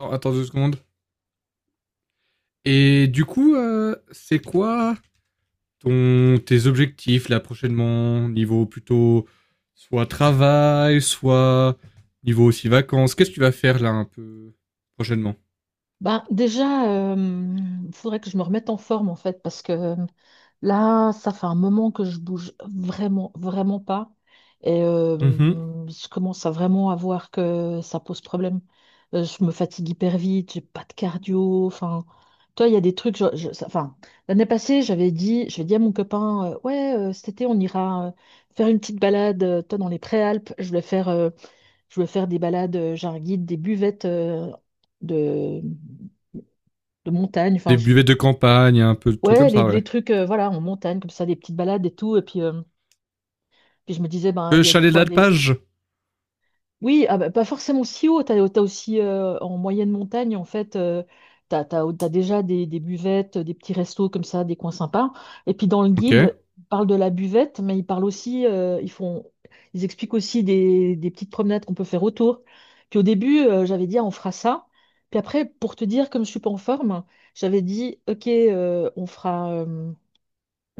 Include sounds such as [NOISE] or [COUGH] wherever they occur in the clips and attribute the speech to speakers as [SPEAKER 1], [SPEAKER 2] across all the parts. [SPEAKER 1] Attends, attends deux secondes. Et du coup, c'est quoi tes objectifs là prochainement. Niveau plutôt soit travail, soit niveau aussi vacances. Qu'est-ce que tu vas faire là un peu prochainement?
[SPEAKER 2] Ben, déjà, il faudrait que je me remette en forme en fait, parce que là, ça fait un moment que je bouge vraiment pas. Et
[SPEAKER 1] Mhm.
[SPEAKER 2] je commence à vraiment à voir que ça pose problème. Je me fatigue hyper vite, j'ai pas de cardio. Enfin, toi, il y a des trucs. Enfin, l'année passée, j'avais dit à mon copain, ouais, cet été, on ira faire une petite balade, toi, dans les Préalpes. Je voulais faire des balades. J'ai un guide des buvettes. De, de montagne,
[SPEAKER 1] Des buvets de campagne, un peu de trucs comme
[SPEAKER 2] ouais,
[SPEAKER 1] ça,
[SPEAKER 2] les
[SPEAKER 1] ouais.
[SPEAKER 2] trucs, voilà, en montagne, comme ça, des petites balades et tout. Et puis, puis je me disais, ben, il y a des
[SPEAKER 1] Chalet
[SPEAKER 2] fois des.
[SPEAKER 1] d'alpage.
[SPEAKER 2] Oui, ah bah, pas forcément si haut, t'as aussi en moyenne montagne, en fait, t'as déjà des buvettes, des petits restos comme ça, des coins sympas. Et puis dans le
[SPEAKER 1] Ok.
[SPEAKER 2] guide, ils parlent de la buvette, mais ils parlent aussi, ils font, ils expliquent aussi des petites promenades qu'on peut faire autour. Puis au début, j'avais dit, ah, on fera ça. Puis après, pour te dire, comme je suis pas en forme, j'avais dit, ok, on fera. euh,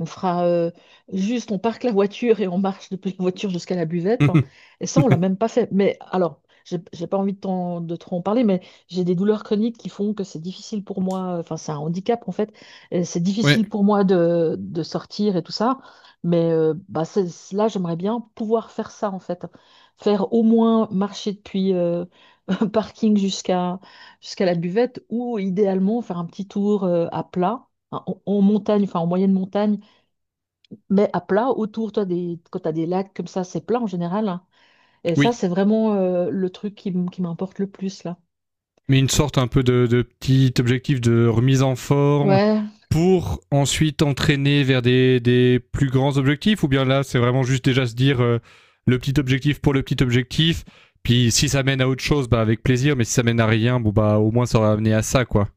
[SPEAKER 2] On fera euh, juste, on parque la voiture et on marche depuis la [LAUGHS] voiture jusqu'à la buvette, hein. Et ça, on l'a
[SPEAKER 1] [LAUGHS]
[SPEAKER 2] même pas fait. Mais alors, j'ai pas envie de, de trop en parler, mais j'ai des douleurs chroniques qui font que c'est difficile pour moi. Enfin, c'est un handicap en fait. Et c'est
[SPEAKER 1] Ouais,
[SPEAKER 2] difficile pour moi de sortir et tout ça. Mais bah, là, j'aimerais bien pouvoir faire ça en fait. Faire au moins marcher depuis [LAUGHS] un parking jusqu'à la buvette ou idéalement faire un petit tour à plat, hein, en montagne, enfin en moyenne montagne mais à plat autour, toi, des, quand tu as des lacs comme ça, c'est plat en général, hein. Et ça,
[SPEAKER 1] oui.
[SPEAKER 2] c'est vraiment le truc qui, qui m'importe le plus, là.
[SPEAKER 1] Mais une sorte un peu de petit objectif de remise en forme
[SPEAKER 2] Ouais.
[SPEAKER 1] pour ensuite entraîner vers des plus grands objectifs? Ou bien là, c'est vraiment juste déjà se dire le petit objectif pour le petit objectif, puis si ça mène à autre chose, bah avec plaisir, mais si ça mène à rien, bon bah au moins ça aura amené à ça, quoi.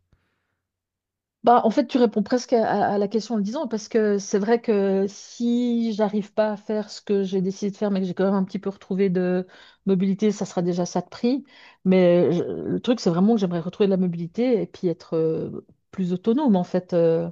[SPEAKER 2] Bah, en fait, tu réponds presque à, à la question en le disant, parce que c'est vrai que si j'arrive pas à faire ce que j'ai décidé de faire, mais que j'ai quand même un petit peu retrouvé de mobilité, ça sera déjà ça de prix. Mais le truc, c'est vraiment que j'aimerais retrouver de la mobilité et puis être plus autonome, en fait.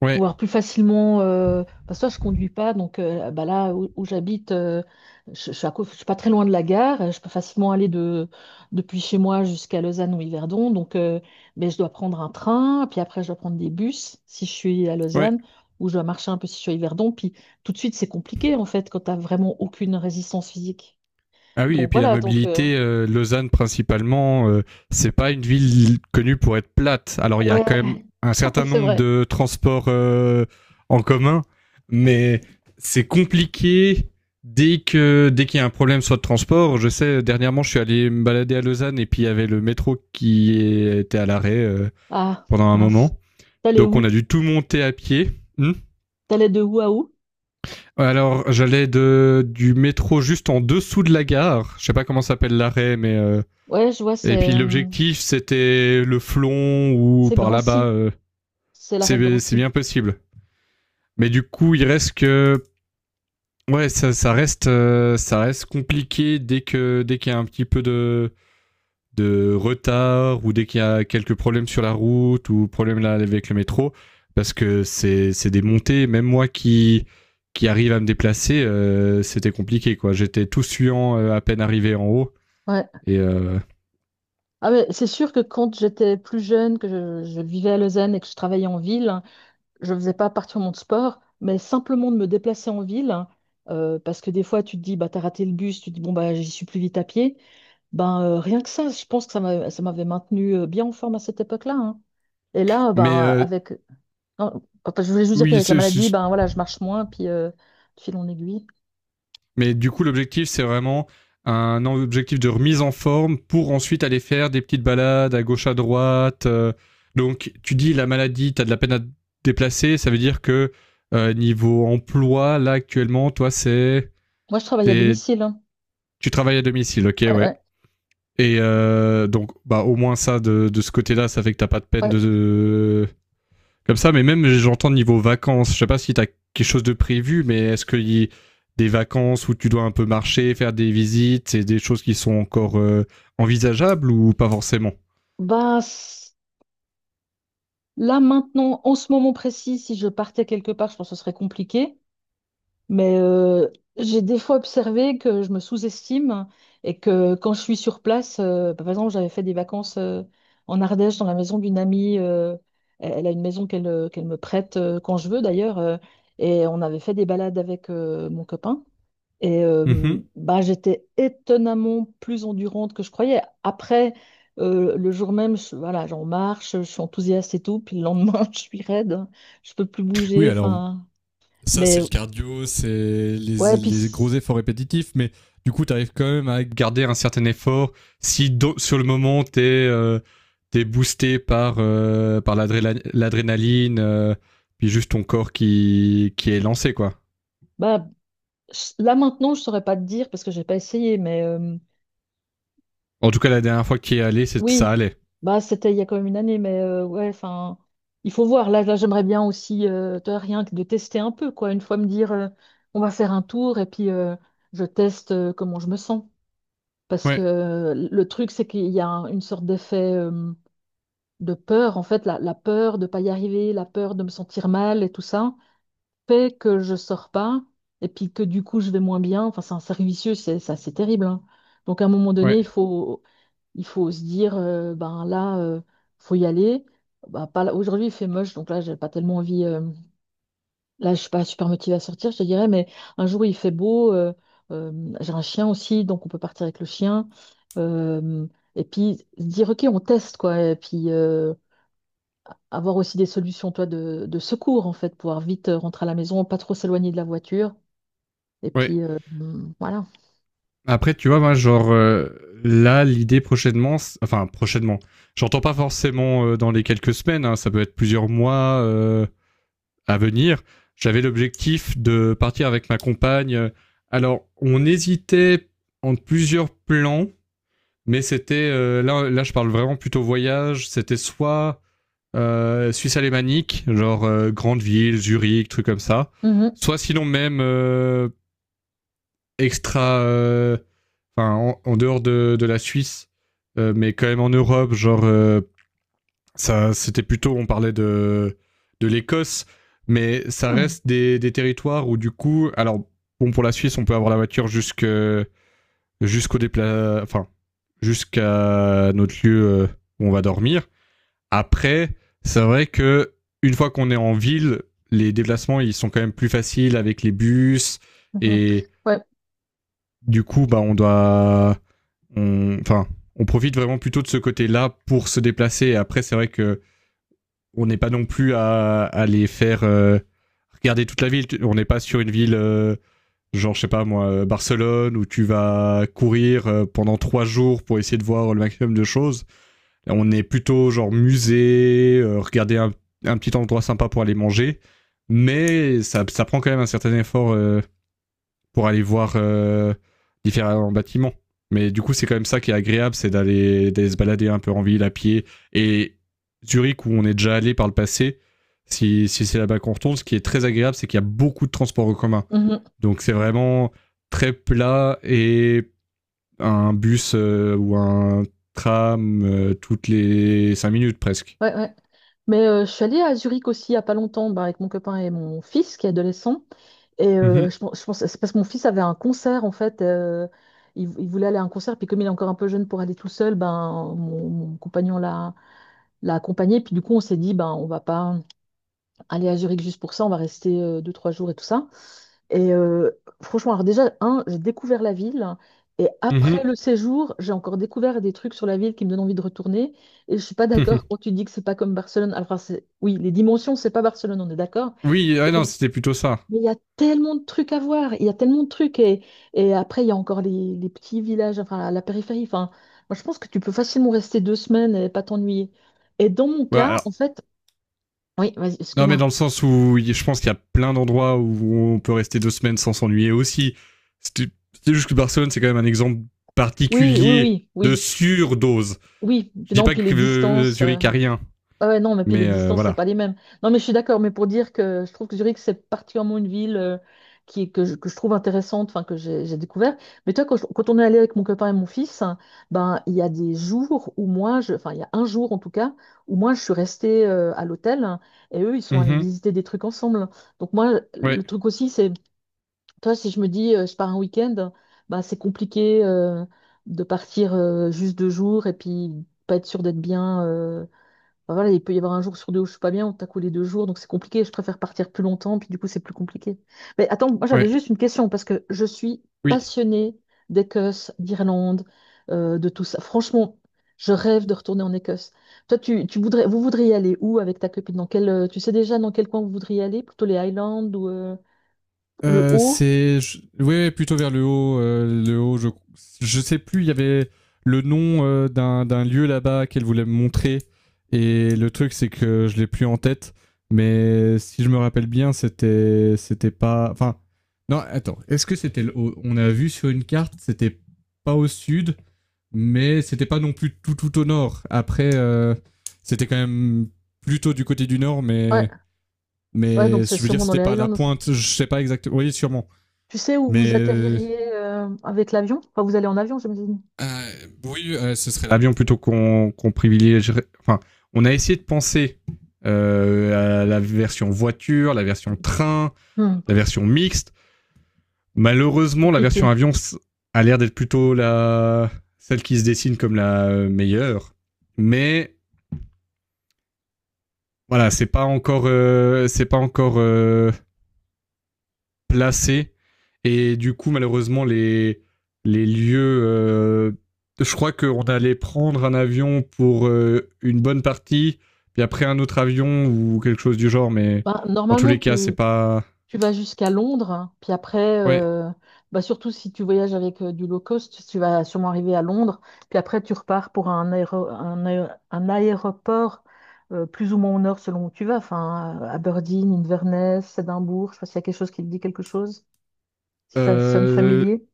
[SPEAKER 1] Ouais,
[SPEAKER 2] Pouvoir plus facilement. Parce que toi, je conduis pas, donc bah là où, où j'habite, je suis à je suis pas très loin de la gare. Je peux facilement aller de, depuis chez moi jusqu'à Lausanne ou Yverdon. Donc, mais je dois prendre un train, puis après, je dois prendre des bus si je suis à
[SPEAKER 1] ouais.
[SPEAKER 2] Lausanne, ou je dois marcher un peu si je suis à Yverdon. Puis tout de suite, c'est compliqué en fait quand t'as vraiment aucune résistance physique.
[SPEAKER 1] Ah oui, et
[SPEAKER 2] Donc
[SPEAKER 1] puis la
[SPEAKER 2] voilà, donc
[SPEAKER 1] mobilité, Lausanne principalement, c'est pas une ville connue pour être plate. Alors il y a
[SPEAKER 2] ouais,
[SPEAKER 1] quand même un
[SPEAKER 2] [LAUGHS]
[SPEAKER 1] certain
[SPEAKER 2] c'est
[SPEAKER 1] nombre
[SPEAKER 2] vrai.
[SPEAKER 1] de transports en commun, mais c'est compliqué dès qu'il y a un problème soit de transport. Je sais, dernièrement, je suis allé me balader à Lausanne et puis il y avait le métro qui était à l'arrêt
[SPEAKER 2] Ah,
[SPEAKER 1] pendant un
[SPEAKER 2] mince.
[SPEAKER 1] moment.
[SPEAKER 2] T'allais
[SPEAKER 1] Donc on a
[SPEAKER 2] où?
[SPEAKER 1] dû tout monter à pied. Hmm.
[SPEAKER 2] T'allais de où à où?
[SPEAKER 1] Alors, j'allais de du métro juste en dessous de la gare. Je sais pas comment s'appelle l'arrêt, mais
[SPEAKER 2] Ouais, je vois,
[SPEAKER 1] et puis l'objectif, c'était le flon ou
[SPEAKER 2] c'est
[SPEAKER 1] par là-bas.
[SPEAKER 2] Drancy. C'est l'arrêt de
[SPEAKER 1] C'est
[SPEAKER 2] Drancy.
[SPEAKER 1] bien possible. Mais du coup, il reste que ouais, ça, ça reste compliqué dès qu'il y a un petit peu de retard ou dès qu'il y a quelques problèmes sur la route ou problèmes là avec le métro parce que c'est des montées. Même moi qui arrive à me déplacer, c'était compliqué quoi. J'étais tout suant à peine arrivé en haut.
[SPEAKER 2] Ouais.
[SPEAKER 1] Et
[SPEAKER 2] Ah ouais, c'est sûr que quand j'étais plus jeune, que je vivais à Lausanne et que je travaillais en ville, hein, je ne faisais pas particulièrement de sport, mais simplement de me déplacer en ville, hein, parce que des fois tu te dis, bah, t'as raté le bus, tu te dis, bon, bah, j'y suis plus vite à pied, ben, rien que ça, je pense que ça m'avait maintenu bien en forme à cette époque-là, hein. Et là,
[SPEAKER 1] mais
[SPEAKER 2] ben,
[SPEAKER 1] euh,
[SPEAKER 2] avec... non, enfin, je voulais juste dire
[SPEAKER 1] oui,
[SPEAKER 2] qu'avec la maladie, ben, voilà, je marche moins, puis de fil en aiguille.
[SPEAKER 1] mais du coup, l'objectif, c'est vraiment un objectif de remise en forme pour ensuite aller faire des petites balades à gauche à droite. Donc, tu dis la maladie, t'as de la peine à te déplacer, ça veut dire que niveau emploi, là actuellement, toi,
[SPEAKER 2] Moi, je travaille à
[SPEAKER 1] t'es-
[SPEAKER 2] domicile, hein.
[SPEAKER 1] tu travailles à domicile, ok,
[SPEAKER 2] Ouais,
[SPEAKER 1] ouais.
[SPEAKER 2] ouais,
[SPEAKER 1] Et donc, bah, au moins ça de ce côté-là, ça fait que t'as pas de peine
[SPEAKER 2] ouais.
[SPEAKER 1] de, comme ça, mais même j'entends niveau vacances, je sais pas si t'as quelque chose de prévu, mais est-ce qu'il y a des vacances où tu dois un peu marcher, faire des visites, c'est des choses qui sont encore envisageables ou pas forcément?
[SPEAKER 2] Bah, là, maintenant, en ce moment précis, si je partais quelque part, je pense que ce serait compliqué. Mais j'ai des fois observé que je me sous-estime et que quand je suis sur place, bah, par exemple, j'avais fait des vacances en Ardèche dans la maison d'une amie. Elle elle a une maison qu'elle qu'elle me prête quand je veux d'ailleurs. Et on avait fait des balades avec mon copain. Et
[SPEAKER 1] Mhm.
[SPEAKER 2] bah, j'étais étonnamment plus endurante que je croyais. Après, le jour même, voilà, j'en marche, je suis enthousiaste et tout. Puis le lendemain, [LAUGHS] je suis raide, je peux plus
[SPEAKER 1] Oui,
[SPEAKER 2] bouger.
[SPEAKER 1] alors
[SPEAKER 2] Enfin,
[SPEAKER 1] ça c'est
[SPEAKER 2] mais
[SPEAKER 1] le cardio, c'est
[SPEAKER 2] ouais,
[SPEAKER 1] les gros efforts répétitifs, mais du coup t'arrives quand même à... garder un certain effort, si do- sur le moment t'es t'es boosté par, par l'adrénaline, puis juste ton corps qui est lancé, quoi.
[SPEAKER 2] bah, là maintenant, je saurais pas te dire parce que j'ai pas essayé. Mais
[SPEAKER 1] En tout cas, la dernière fois qu'il est allé, ça
[SPEAKER 2] oui,
[SPEAKER 1] allait.
[SPEAKER 2] bah c'était il y a quand même une année. Mais ouais, enfin, il faut voir. Là, j'aimerais bien aussi, toi, rien que de tester un peu, quoi. Une fois me dire, on va faire un tour et puis je teste comment je me sens. Parce que
[SPEAKER 1] Ouais,
[SPEAKER 2] le truc, c'est qu'il y a une sorte d'effet de peur, en fait, la peur de pas y arriver, la peur de me sentir mal et tout ça, fait que je sors pas et puis que du coup je vais moins bien. Enfin, c'est un cercle vicieux, c'est ça, c'est terrible, hein. Donc à un moment donné,
[SPEAKER 1] ouais,
[SPEAKER 2] il faut se dire, ben là, faut y aller. Bah, pas là- aujourd'hui, il fait moche, donc là, j'ai pas tellement envie. Là, je suis pas super motivée à sortir, je te dirais, mais un jour il fait beau, j'ai un chien aussi, donc on peut partir avec le chien. Euh, et puis se dire, ok, on teste, quoi. Et puis avoir aussi des solutions, toi, de secours, en fait, pouvoir vite rentrer à la maison, pas trop s'éloigner de la voiture. Et
[SPEAKER 1] ouais.
[SPEAKER 2] puis voilà.
[SPEAKER 1] Après, tu vois, moi, genre, là, l'idée prochainement, enfin, prochainement, j'entends pas forcément dans les quelques semaines, hein, ça peut être plusieurs mois à venir. J'avais l'objectif de partir avec ma compagne. Alors, on hésitait entre plusieurs plans, mais c'était, là, je parle vraiment plutôt voyage, c'était soit Suisse alémanique, genre grande ville, Zurich, truc comme ça,
[SPEAKER 2] Mhm.
[SPEAKER 1] soit sinon même extra. Enfin, en dehors de la Suisse, mais quand même en Europe, genre, ça, c'était plutôt. On parlait de l'Écosse, mais ça
[SPEAKER 2] Mhm.
[SPEAKER 1] reste des territoires où, du coup. Alors, bon, pour la Suisse, on peut avoir la voiture jusque, jusqu'au dépla... Enfin, jusqu'à notre lieu où on va dormir. Après, c'est vrai que une fois qu'on est en ville, les déplacements ils sont quand même plus faciles avec les bus
[SPEAKER 2] Mhm.
[SPEAKER 1] et
[SPEAKER 2] Ouais.
[SPEAKER 1] du coup bah on doit enfin, on profite vraiment plutôt de ce côté-là pour se déplacer. Et après, c'est vrai que on n'est pas non plus à les faire regarder toute la ville. On n'est pas sur une ville, genre, je sais pas moi, Barcelone, où tu vas courir pendant trois jours pour essayer de voir le maximum de choses. On est plutôt genre musée, regarder un petit endroit sympa pour aller manger. Mais ça prend quand même un certain effort pour aller voir différents bâtiments. Mais du coup, c'est quand même ça qui est agréable, c'est d'aller se balader un peu en ville à pied. Et Zurich, où on est déjà allé par le passé, si c'est là-bas qu'on retourne, ce qui est très agréable, c'est qu'il y a beaucoup de transports en commun.
[SPEAKER 2] Mhm.
[SPEAKER 1] Donc c'est vraiment très plat et un bus ou un tram toutes les 5 minutes presque.
[SPEAKER 2] Ouais, ouais. Mais je suis allée à Zurich aussi il n'y a pas longtemps, bah, avec mon copain et mon fils qui est adolescent. Et
[SPEAKER 1] Mhm,
[SPEAKER 2] je pense, c'est parce que mon fils avait un concert en fait. Il, il voulait aller à un concert, puis comme il est encore un peu jeune pour aller tout seul, ben mon compagnon l'a accompagné. Puis du coup, on s'est dit, ben on va pas aller à Zurich juste pour ça, on va rester deux trois jours et tout ça. Et franchement, alors déjà, un, j'ai découvert la ville. Et après
[SPEAKER 1] mhm,
[SPEAKER 2] le séjour, j'ai encore découvert des trucs sur la ville qui me donnent envie de retourner. Et je suis pas d'accord
[SPEAKER 1] mhm.
[SPEAKER 2] quand tu dis que c'est pas comme Barcelone. Alors, enfin, oui, les dimensions, c'est pas Barcelone, on est d'accord.
[SPEAKER 1] [LAUGHS] Oui, ah non, c'était plutôt ça.
[SPEAKER 2] Mais il y a tellement de trucs à voir, il y a tellement de trucs. Et après, il y a encore les petits villages, enfin la périphérie. Enfin, moi, je pense que tu peux facilement rester deux semaines et pas t'ennuyer. Et dans mon
[SPEAKER 1] Ouais,
[SPEAKER 2] cas,
[SPEAKER 1] alors,
[SPEAKER 2] en fait, oui, vas-y,
[SPEAKER 1] non, mais
[SPEAKER 2] excuse-moi.
[SPEAKER 1] dans le sens où je pense qu'il y a plein d'endroits où on peut rester deux semaines sans s'ennuyer aussi. C'est juste que Barcelone, c'est quand même un exemple
[SPEAKER 2] Oui, oui,
[SPEAKER 1] particulier
[SPEAKER 2] oui,
[SPEAKER 1] de
[SPEAKER 2] oui,
[SPEAKER 1] surdose.
[SPEAKER 2] oui.
[SPEAKER 1] Je dis
[SPEAKER 2] Non,
[SPEAKER 1] pas
[SPEAKER 2] puis les
[SPEAKER 1] que
[SPEAKER 2] distances.
[SPEAKER 1] Zurich a rien,
[SPEAKER 2] Ah ouais, non, mais puis les
[SPEAKER 1] mais
[SPEAKER 2] distances, c'est
[SPEAKER 1] voilà.
[SPEAKER 2] pas les mêmes. Non, mais je suis d'accord, mais pour dire que je trouve que Zurich, c'est particulièrement une ville qui, que je trouve intéressante, enfin, que j'ai découvert. Mais toi, quand, quand on est allé avec mon copain et mon fils, hein, ben, il y a des jours où moi, je, enfin, il y a un jour en tout cas, où moi, je suis restée à l'hôtel hein, et eux, ils sont allés
[SPEAKER 1] Hmm.
[SPEAKER 2] visiter des trucs ensemble. Donc, moi,
[SPEAKER 1] Ouais,
[SPEAKER 2] le truc aussi, c'est, toi, si je me dis, je pars un week-end, ben, c'est compliqué de partir juste deux jours et puis pas être sûr d'être bien. Enfin, voilà, il peut y avoir un jour sur deux où je suis pas bien, on t'a collé deux jours, donc c'est compliqué. Je préfère partir plus longtemps, puis du coup, c'est plus compliqué. Mais attends, moi j'avais
[SPEAKER 1] ouais,
[SPEAKER 2] juste une question, parce que je suis
[SPEAKER 1] oui.
[SPEAKER 2] passionnée d'Écosse, d'Irlande, de tout ça. Franchement, je rêve de retourner en Écosse. Toi, tu voudrais, vous voudriez aller où avec ta copine? Dans quel, tu sais déjà dans quel coin vous voudriez aller? Plutôt les Highlands ou le Haut?
[SPEAKER 1] Ouais, plutôt vers le haut. Le haut, je sais plus, il y avait le nom d'un lieu là-bas qu'elle voulait me montrer. Et le truc, c'est que je l'ai plus en tête. Mais si je me rappelle bien, c'était. C'était pas. Enfin. Non, attends. Est-ce que c'était. Le haut? On a vu sur une carte, c'était pas au sud. Mais c'était pas non plus tout, tout au nord. Après, c'était quand même plutôt du côté du nord,
[SPEAKER 2] Ouais,
[SPEAKER 1] mais.
[SPEAKER 2] ouais,
[SPEAKER 1] Mais
[SPEAKER 2] donc c'est
[SPEAKER 1] je veux dire,
[SPEAKER 2] sûrement dans
[SPEAKER 1] c'était
[SPEAKER 2] les
[SPEAKER 1] pas à la
[SPEAKER 2] Highlands.
[SPEAKER 1] pointe, je sais pas exactement. Oui, sûrement.
[SPEAKER 2] Tu sais où
[SPEAKER 1] Mais
[SPEAKER 2] vous
[SPEAKER 1] euh,
[SPEAKER 2] atterririez avec l'avion? Enfin, vous allez en avion, j'imagine.
[SPEAKER 1] Euh, oui, ce serait l'avion plutôt qu'on privilégierait. Enfin, on a essayé de penser à la version voiture, la version train,
[SPEAKER 2] Hmm,
[SPEAKER 1] la version mixte. Malheureusement, la version
[SPEAKER 2] compliqué.
[SPEAKER 1] avion a l'air d'être plutôt la celle qui se dessine comme la meilleure. Mais voilà, c'est pas encore placé. Et du coup, malheureusement, les lieux. Je crois qu'on allait prendre un avion pour une bonne partie, puis après un autre avion ou quelque chose du genre, mais
[SPEAKER 2] Bah,
[SPEAKER 1] dans tous
[SPEAKER 2] normalement,
[SPEAKER 1] les cas, c'est
[SPEAKER 2] tu,
[SPEAKER 1] pas.
[SPEAKER 2] Tu vas jusqu'à Londres, hein, puis après,
[SPEAKER 1] Ouais.
[SPEAKER 2] bah surtout si tu voyages avec du low cost, tu vas sûrement arriver à Londres, puis après tu repars pour un, un aéroport plus ou moins au nord selon où tu vas, enfin Aberdeen, Inverness, Édimbourg, je sais pas s'il y a quelque chose qui te dit quelque chose, si ça sonne
[SPEAKER 1] Euh,
[SPEAKER 2] familier.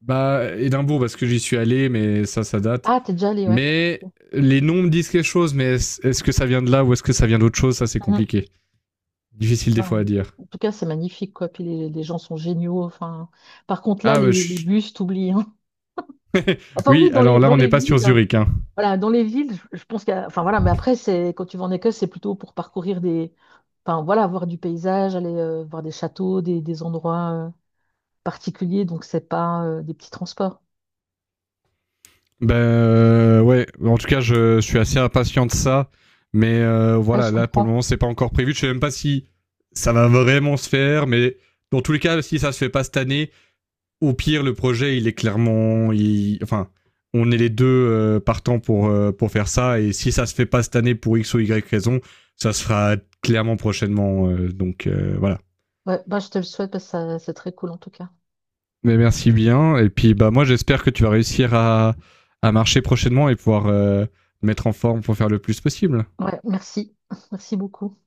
[SPEAKER 1] Bah, Édimbourg, parce que j'y suis allé, mais ça date.
[SPEAKER 2] Ah, t'es déjà allé, ouais.
[SPEAKER 1] Mais les noms me disent quelque chose, mais est-ce que ça vient de là ou est-ce que ça vient d'autre chose? Ça, c'est
[SPEAKER 2] Mhm.
[SPEAKER 1] compliqué. Difficile des fois à
[SPEAKER 2] Ben,
[SPEAKER 1] dire.
[SPEAKER 2] en tout cas, c'est magnifique, quoi. Puis les gens sont géniaux. Enfin, par contre, là,
[SPEAKER 1] Ah, bah,
[SPEAKER 2] les
[SPEAKER 1] je
[SPEAKER 2] bus, t'oublies, hein. Enfin,
[SPEAKER 1] oui,
[SPEAKER 2] oui,
[SPEAKER 1] alors là,
[SPEAKER 2] dans
[SPEAKER 1] on n'est
[SPEAKER 2] les
[SPEAKER 1] pas sur
[SPEAKER 2] villes.
[SPEAKER 1] Zurich, hein.
[SPEAKER 2] Voilà, dans les villes, je pense qu'il y a... Enfin voilà, mais après, c'est quand tu vas en Écosse, c'est plutôt pour parcourir des... Enfin voilà, voir du paysage, aller voir des châteaux, des endroits particuliers, donc c'est pas des petits transports.
[SPEAKER 1] Ouais, en tout cas, je suis assez impatient de ça. Mais
[SPEAKER 2] Ah,
[SPEAKER 1] voilà,
[SPEAKER 2] je
[SPEAKER 1] là pour le
[SPEAKER 2] comprends.
[SPEAKER 1] moment, c'est pas encore prévu. Je sais même pas si ça va vraiment se faire, mais dans tous les cas, si ça se fait pas cette année, au pire, le projet, il est clairement, il- enfin, on est les deux partants pour faire ça. Et si ça se fait pas cette année pour x ou y raison, ça se fera clairement prochainement. Donc voilà.
[SPEAKER 2] Ouais, bah, je te le souhaite parce que c'est très cool en tout cas.
[SPEAKER 1] Mais merci bien. Et puis, bah, moi, j'espère que tu vas réussir à marcher prochainement et pouvoir mettre en forme pour faire le plus possible.
[SPEAKER 2] Ouais, merci. [LAUGHS] Merci beaucoup.